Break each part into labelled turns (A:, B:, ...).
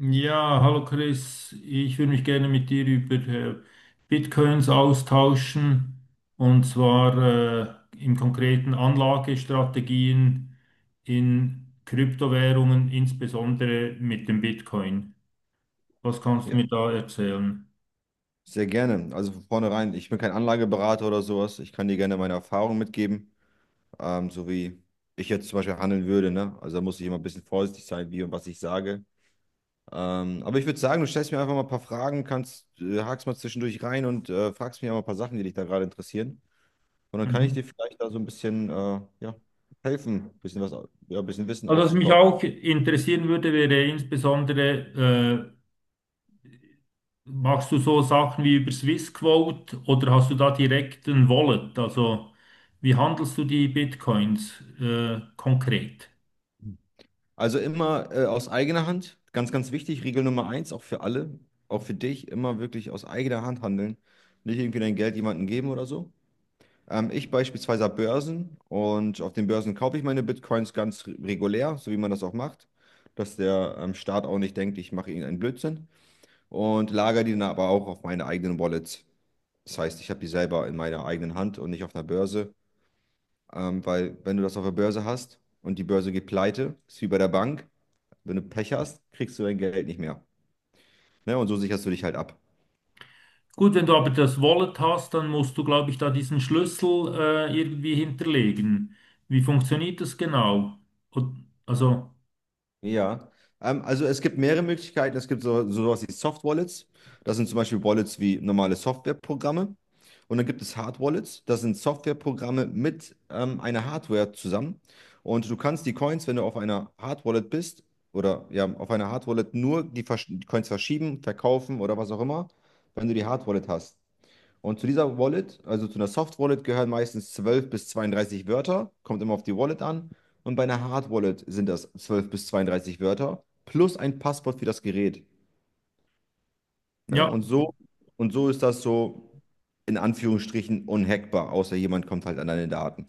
A: Ja, hallo Chris, ich würde mich gerne mit dir über Bitcoins austauschen, und zwar im konkreten Anlagestrategien in Kryptowährungen, insbesondere mit dem Bitcoin. Was kannst du
B: Ja,
A: mir da erzählen?
B: sehr gerne. Also von vornherein, ich bin kein Anlageberater oder sowas. Ich kann dir gerne meine Erfahrungen mitgeben, so wie ich jetzt zum Beispiel handeln würde. Ne? Also da muss ich immer ein bisschen vorsichtig sein, wie und was ich sage. Aber ich würde sagen, du stellst mir einfach mal ein paar Fragen, kannst, hakst mal zwischendurch rein und fragst mich auch mal ein paar Sachen, die dich da gerade interessieren. Und dann kann ich
A: Mhm.
B: dir vielleicht da so ein bisschen ja, helfen, ein bisschen was, ja, ein bisschen Wissen
A: Also was mich
B: aufzubauen.
A: auch interessieren würde, wäre insbesondere: Machst du so Sachen wie über Swissquote oder hast du da direkt ein Wallet? Also wie handelst du die Bitcoins konkret?
B: Also immer aus eigener Hand, ganz, ganz wichtig, Regel Nummer eins, auch für alle, auch für dich, immer wirklich aus eigener Hand handeln. Nicht irgendwie dein Geld jemandem geben oder so. Ich beispielsweise habe Börsen und auf den Börsen kaufe ich meine Bitcoins ganz regulär, so wie man das auch macht, dass der Staat auch nicht denkt, ich mache irgendeinen Blödsinn, und lagere die dann aber auch auf meine eigenen Wallets. Das heißt, ich habe die selber in meiner eigenen Hand und nicht auf einer Börse, weil wenn du das auf der Börse hast und die Börse geht pleite, ist wie bei der Bank. Wenn du Pech hast, kriegst du dein Geld nicht mehr. Ne? Und so sicherst du dich halt ab.
A: Gut, wenn du aber das Wallet hast, dann musst du, glaube ich, da diesen Schlüssel irgendwie hinterlegen. Wie funktioniert das genau? Und, also
B: Ja. Also es gibt mehrere Möglichkeiten. Es gibt sowas wie Soft Wallets. Das sind zum Beispiel Wallets wie normale Softwareprogramme. Und dann gibt es Hard Wallets. Das sind Softwareprogramme mit einer Hardware zusammen. Und du kannst die Coins, wenn du auf einer Hard Wallet bist, oder ja, auf einer Hard Wallet nur die Coins verschieben, verkaufen oder was auch immer, wenn du die Hard Wallet hast. Und zu dieser Wallet, also zu einer Soft Wallet, gehören meistens 12 bis 32 Wörter, kommt immer auf die Wallet an. Und bei einer Hard Wallet sind das 12 bis 32 Wörter plus ein Passwort für das Gerät. Ne?
A: ja,
B: Und so ist das so in Anführungsstrichen unhackbar, außer jemand kommt halt an deine Daten.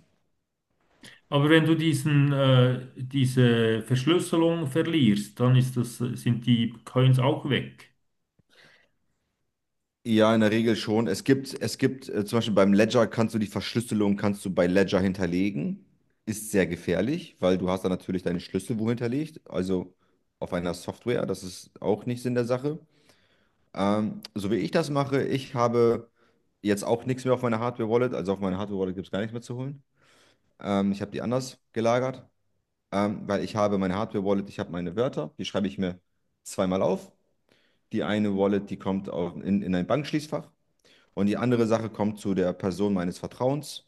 A: aber wenn du diese Verschlüsselung verlierst, sind die Coins auch weg.
B: Ja, in der Regel schon. Es gibt zum Beispiel beim Ledger kannst du die Verschlüsselung kannst du bei Ledger hinterlegen. Ist sehr gefährlich, weil du hast dann natürlich deine Schlüssel wo hinterlegt, also auf einer Software. Das ist auch nicht Sinn der Sache. So wie ich das mache, ich habe jetzt auch nichts mehr auf meiner Hardware-Wallet. Also auf meiner Hardware-Wallet gibt es gar nichts mehr zu holen. Ich habe die anders gelagert, weil ich habe meine Hardware-Wallet, ich habe meine Wörter, die schreibe ich mir zweimal auf. Die eine Wallet, die kommt auf, in ein Bankschließfach. Und die andere Sache kommt zu der Person meines Vertrauens,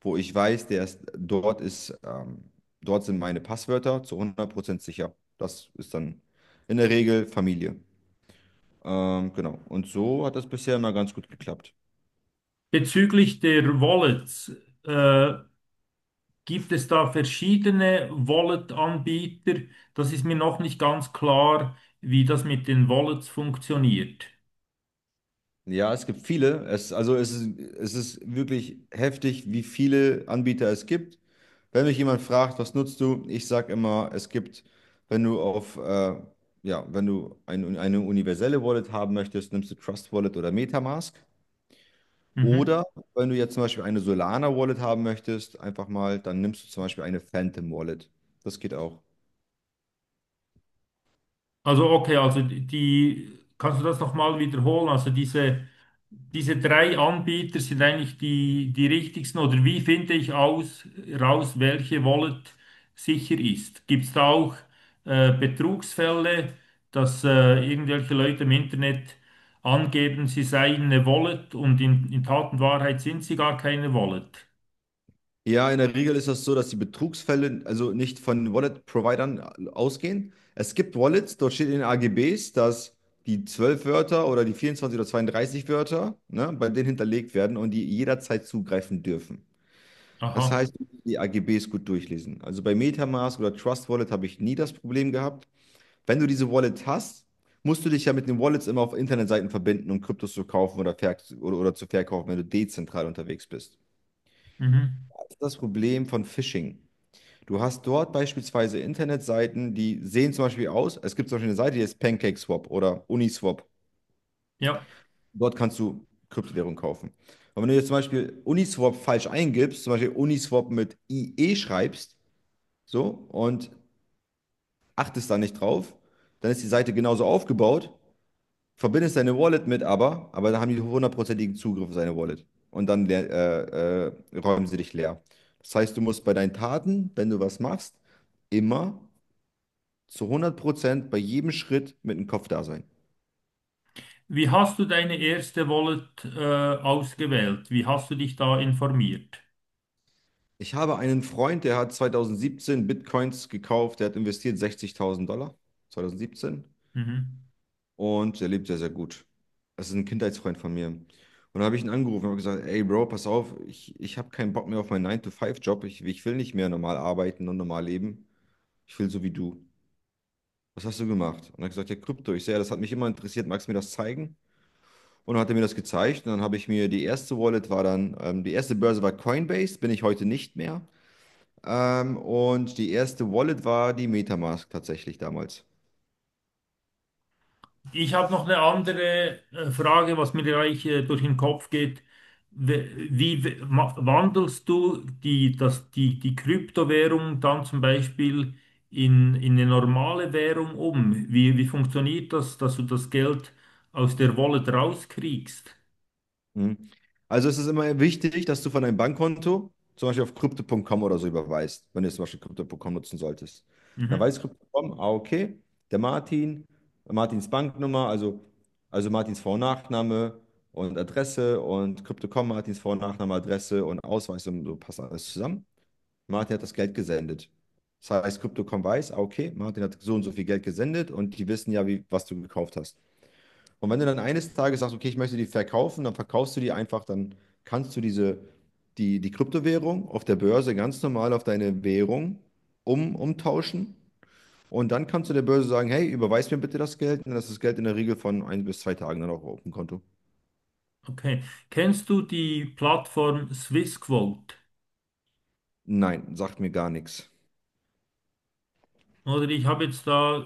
B: wo ich weiß, der ist, dort sind meine Passwörter zu 100% sicher. Das ist dann in der Regel Familie. Genau. Und so hat das bisher immer ganz gut geklappt.
A: Bezüglich der Wallets. Äh, Gibt es da verschiedene Wallet-Anbieter? Das ist mir noch nicht ganz klar, wie das mit den Wallets funktioniert.
B: Ja, es gibt viele. Es, also es ist wirklich heftig, wie viele Anbieter es gibt. Wenn mich jemand fragt, was nutzt du? Ich sage immer, es gibt, wenn du auf, ja, wenn du ein, eine universelle Wallet haben möchtest, nimmst du Trust Wallet oder MetaMask.
A: Mhm.
B: Oder wenn du jetzt zum Beispiel eine Solana Wallet haben möchtest, einfach mal, dann nimmst du zum Beispiel eine Phantom Wallet. Das geht auch.
A: Also okay, also kannst du das nochmal wiederholen? Also diese diese drei Anbieter sind eigentlich die richtigsten. Oder wie finde ich raus, welche Wallet sicher ist? Gibt es da auch Betrugsfälle, dass irgendwelche Leute im Internet angeben, sie seien eine Wallet und in Tat und Wahrheit sind sie gar keine Wallet?
B: Ja, in der Regel ist das so, dass die Betrugsfälle also nicht von Wallet-Providern ausgehen. Es gibt Wallets, dort steht in den AGBs, dass die 12 Wörter oder die 24 oder 32 Wörter, ne, bei denen hinterlegt werden und die jederzeit zugreifen dürfen. Das
A: Aha.
B: heißt, die AGBs gut durchlesen. Also bei MetaMask oder Trust Wallet habe ich nie das Problem gehabt. Wenn du diese Wallet hast, musst du dich ja mit den Wallets immer auf Internetseiten verbinden, um Kryptos zu kaufen oder, oder zu verkaufen, wenn du dezentral unterwegs bist.
A: Mhm.
B: Das ist das Problem von Phishing. Du hast dort beispielsweise Internetseiten, die sehen zum Beispiel aus, es gibt zum Beispiel eine Seite, die heißt PancakeSwap oder Uniswap.
A: Ja.
B: Dort kannst du Kryptowährung kaufen. Und wenn du jetzt zum Beispiel Uniswap falsch eingibst, zum Beispiel Uniswap mit IE schreibst, so, und achtest da nicht drauf, dann ist die Seite genauso aufgebaut, verbindest deine Wallet mit, aber dann haben die hundertprozentigen Zugriff auf deine Wallet. Und dann räumen sie dich leer. Das heißt, du musst bei deinen Taten, wenn du was machst, immer zu 100% bei jedem Schritt mit dem Kopf da sein.
A: Wie hast du deine erste Wallet ausgewählt? Wie hast du dich da informiert?
B: Ich habe einen Freund, der hat 2017 Bitcoins gekauft, der hat investiert 60.000 Dollar, 2017.
A: Mhm.
B: Und der lebt sehr, sehr gut. Das ist ein Kindheitsfreund von mir. Und da habe ich ihn angerufen und habe gesagt, ey Bro, pass auf, ich habe keinen Bock mehr auf meinen nine to five job. Ich will nicht mehr normal arbeiten und normal leben. Ich will so wie du. Was hast du gemacht? Und er hat gesagt, ja, Krypto. Ich sehe, ja, das hat mich immer interessiert. Magst du mir das zeigen? Und dann hat er mir das gezeigt. Und dann habe ich mir die erste Wallet war dann, die erste Börse war Coinbase, bin ich heute nicht mehr. Und die erste Wallet war die Metamask tatsächlich damals.
A: Ich habe noch eine andere Frage, was mir gleich durch den Kopf geht. Wandelst du die Kryptowährung dann zum Beispiel in eine normale Währung um? Wie funktioniert das, dass du das Geld aus der Wallet rauskriegst?
B: Mhm. Also es ist immer wichtig, dass du von deinem Bankkonto zum Beispiel auf crypto.com oder so überweist, wenn du jetzt zum Beispiel crypto.com nutzen solltest. Dann
A: Mhm,
B: weiß crypto.com, ah, okay, der Martin, Martins Banknummer, also Martins Vor- und Nachname und Adresse und crypto.com, Martins Vor- und Nachname, Adresse und Ausweis und so passt alles zusammen. Martin hat das Geld gesendet. Das heißt, crypto.com weiß, ah, okay, Martin hat so und so viel Geld gesendet und die wissen ja, wie, was du gekauft hast. Und wenn du dann eines Tages sagst, okay, ich möchte die verkaufen, dann verkaufst du die einfach, dann kannst du diese, die, die Kryptowährung auf der Börse ganz normal auf deine Währung um, umtauschen. Und dann kannst du der Börse sagen, hey, überweis mir bitte das Geld. Und dann ist das Geld in der Regel von ein bis zwei Tagen dann auch auf dem Konto.
A: okay. Kennst du die Plattform SwissQuote?
B: Nein, sagt mir gar nichts.
A: Oder ich habe jetzt da,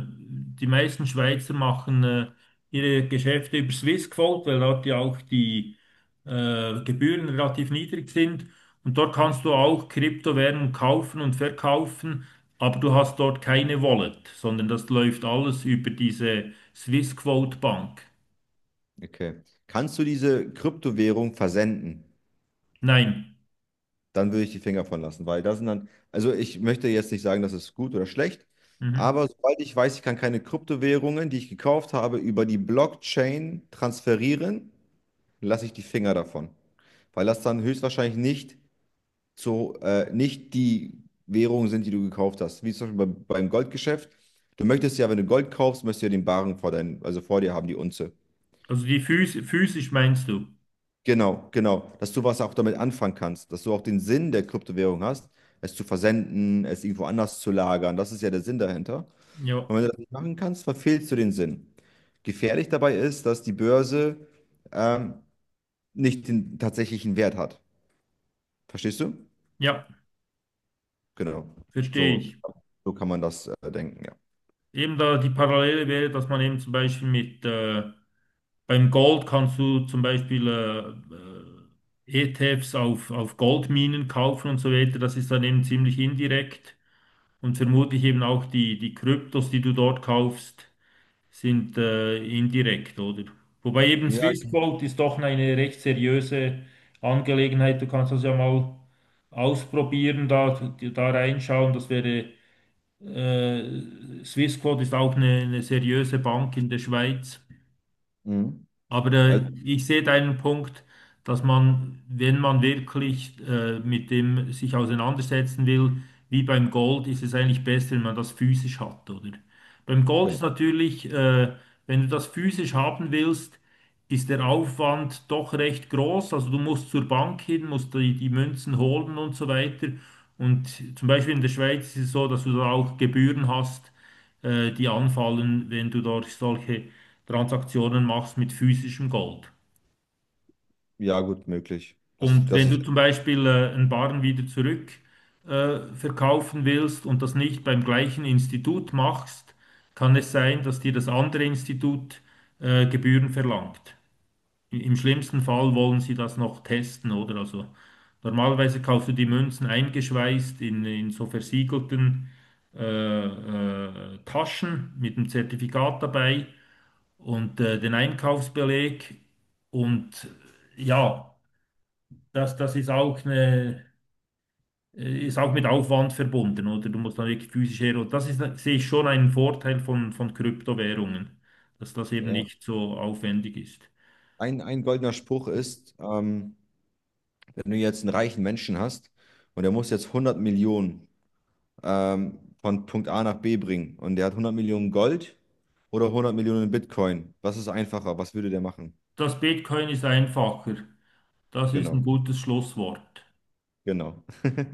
A: die meisten Schweizer machen ihre Geschäfte über Swissquote, weil dort ja auch die Gebühren relativ niedrig sind. Und dort kannst du auch Kryptowährungen kaufen und verkaufen, aber du hast dort keine Wallet, sondern das läuft alles über diese Swissquote Bank.
B: Okay. Kannst du diese Kryptowährung versenden?
A: Nein.
B: Dann würde ich die Finger von lassen, weil das sind dann, also ich möchte jetzt nicht sagen, das ist gut oder schlecht,
A: Mhm.
B: aber sobald ich weiß, ich kann keine Kryptowährungen, die ich gekauft habe, über die Blockchain transferieren, lasse ich die Finger davon, weil das dann höchstwahrscheinlich nicht zu, nicht die Währungen sind, die du gekauft hast, wie zum Beispiel bei, beim Goldgeschäft. Du möchtest ja, wenn du Gold kaufst, möchtest du ja den Barren vor dein, also vor dir haben, die Unze.
A: Also die physisch meinst du?
B: Genau, genau. Dass du was auch damit anfangen kannst, dass du auch den Sinn der Kryptowährung hast, es zu versenden, es irgendwo anders zu lagern. Das ist ja der Sinn dahinter.
A: Ja,
B: Und wenn du das nicht machen kannst, verfehlst du den Sinn. Gefährlich dabei ist, dass die Börse ähm, nicht den tatsächlichen Wert hat. Verstehst du?
A: ja,
B: Genau.
A: verstehe
B: So,
A: ich.
B: so kann man das denken, ja.
A: Eben da die Parallele wäre, dass man eben zum Beispiel mit beim Gold kannst du zum Beispiel ETFs auf Goldminen kaufen und so weiter. Das ist dann eben ziemlich indirekt. Und vermutlich eben auch die Kryptos, die du dort kaufst, sind indirekt, oder? Wobei eben
B: Ja,
A: Swiss Gold ist doch eine recht seriöse Angelegenheit. Du kannst das ja mal ausprobieren, da reinschauen. Das wäre, Swissquote ist auch eine seriöse Bank in der Schweiz.
B: mhm.
A: Aber
B: Also,
A: ich sehe deinen Punkt, dass man, wenn man wirklich mit dem sich auseinandersetzen will, wie beim Gold, ist es eigentlich besser, wenn man das physisch hat, oder? Beim Gold
B: genau.
A: ist natürlich, wenn du das physisch haben willst, ist der Aufwand doch recht groß. Also du musst zur Bank hin, musst die Münzen holen und so weiter. Und zum Beispiel in der Schweiz ist es so, dass du da auch Gebühren hast, die anfallen, wenn du dort solche Transaktionen machst mit physischem Gold.
B: Ja, gut, möglich. Das,
A: Und
B: das
A: wenn
B: ist,
A: du zum Beispiel einen Barren wieder zurück verkaufen willst und das nicht beim gleichen Institut machst, kann es sein, dass dir das andere Institut Gebühren verlangt. Im schlimmsten Fall wollen sie das noch testen, oder? Also normalerweise kaufst du die Münzen eingeschweißt in so versiegelten äh, Taschen mit einem Zertifikat dabei und den Einkaufsbeleg und ja, das, das ist auch ist auch mit Aufwand verbunden, oder? Du musst dann wirklich physisch her. Und das ist, sehe ich schon einen Vorteil von Kryptowährungen, dass das eben
B: ja.
A: nicht so aufwendig ist.
B: Ein goldener Spruch ist, wenn du jetzt einen reichen Menschen hast und der muss jetzt 100 Millionen von Punkt A nach B bringen und der hat 100 Millionen Gold oder 100 Millionen Bitcoin, was ist einfacher? Was würde der machen?
A: Das Bitcoin ist einfacher. Das ist ein
B: Genau,
A: gutes Schlusswort.
B: genau.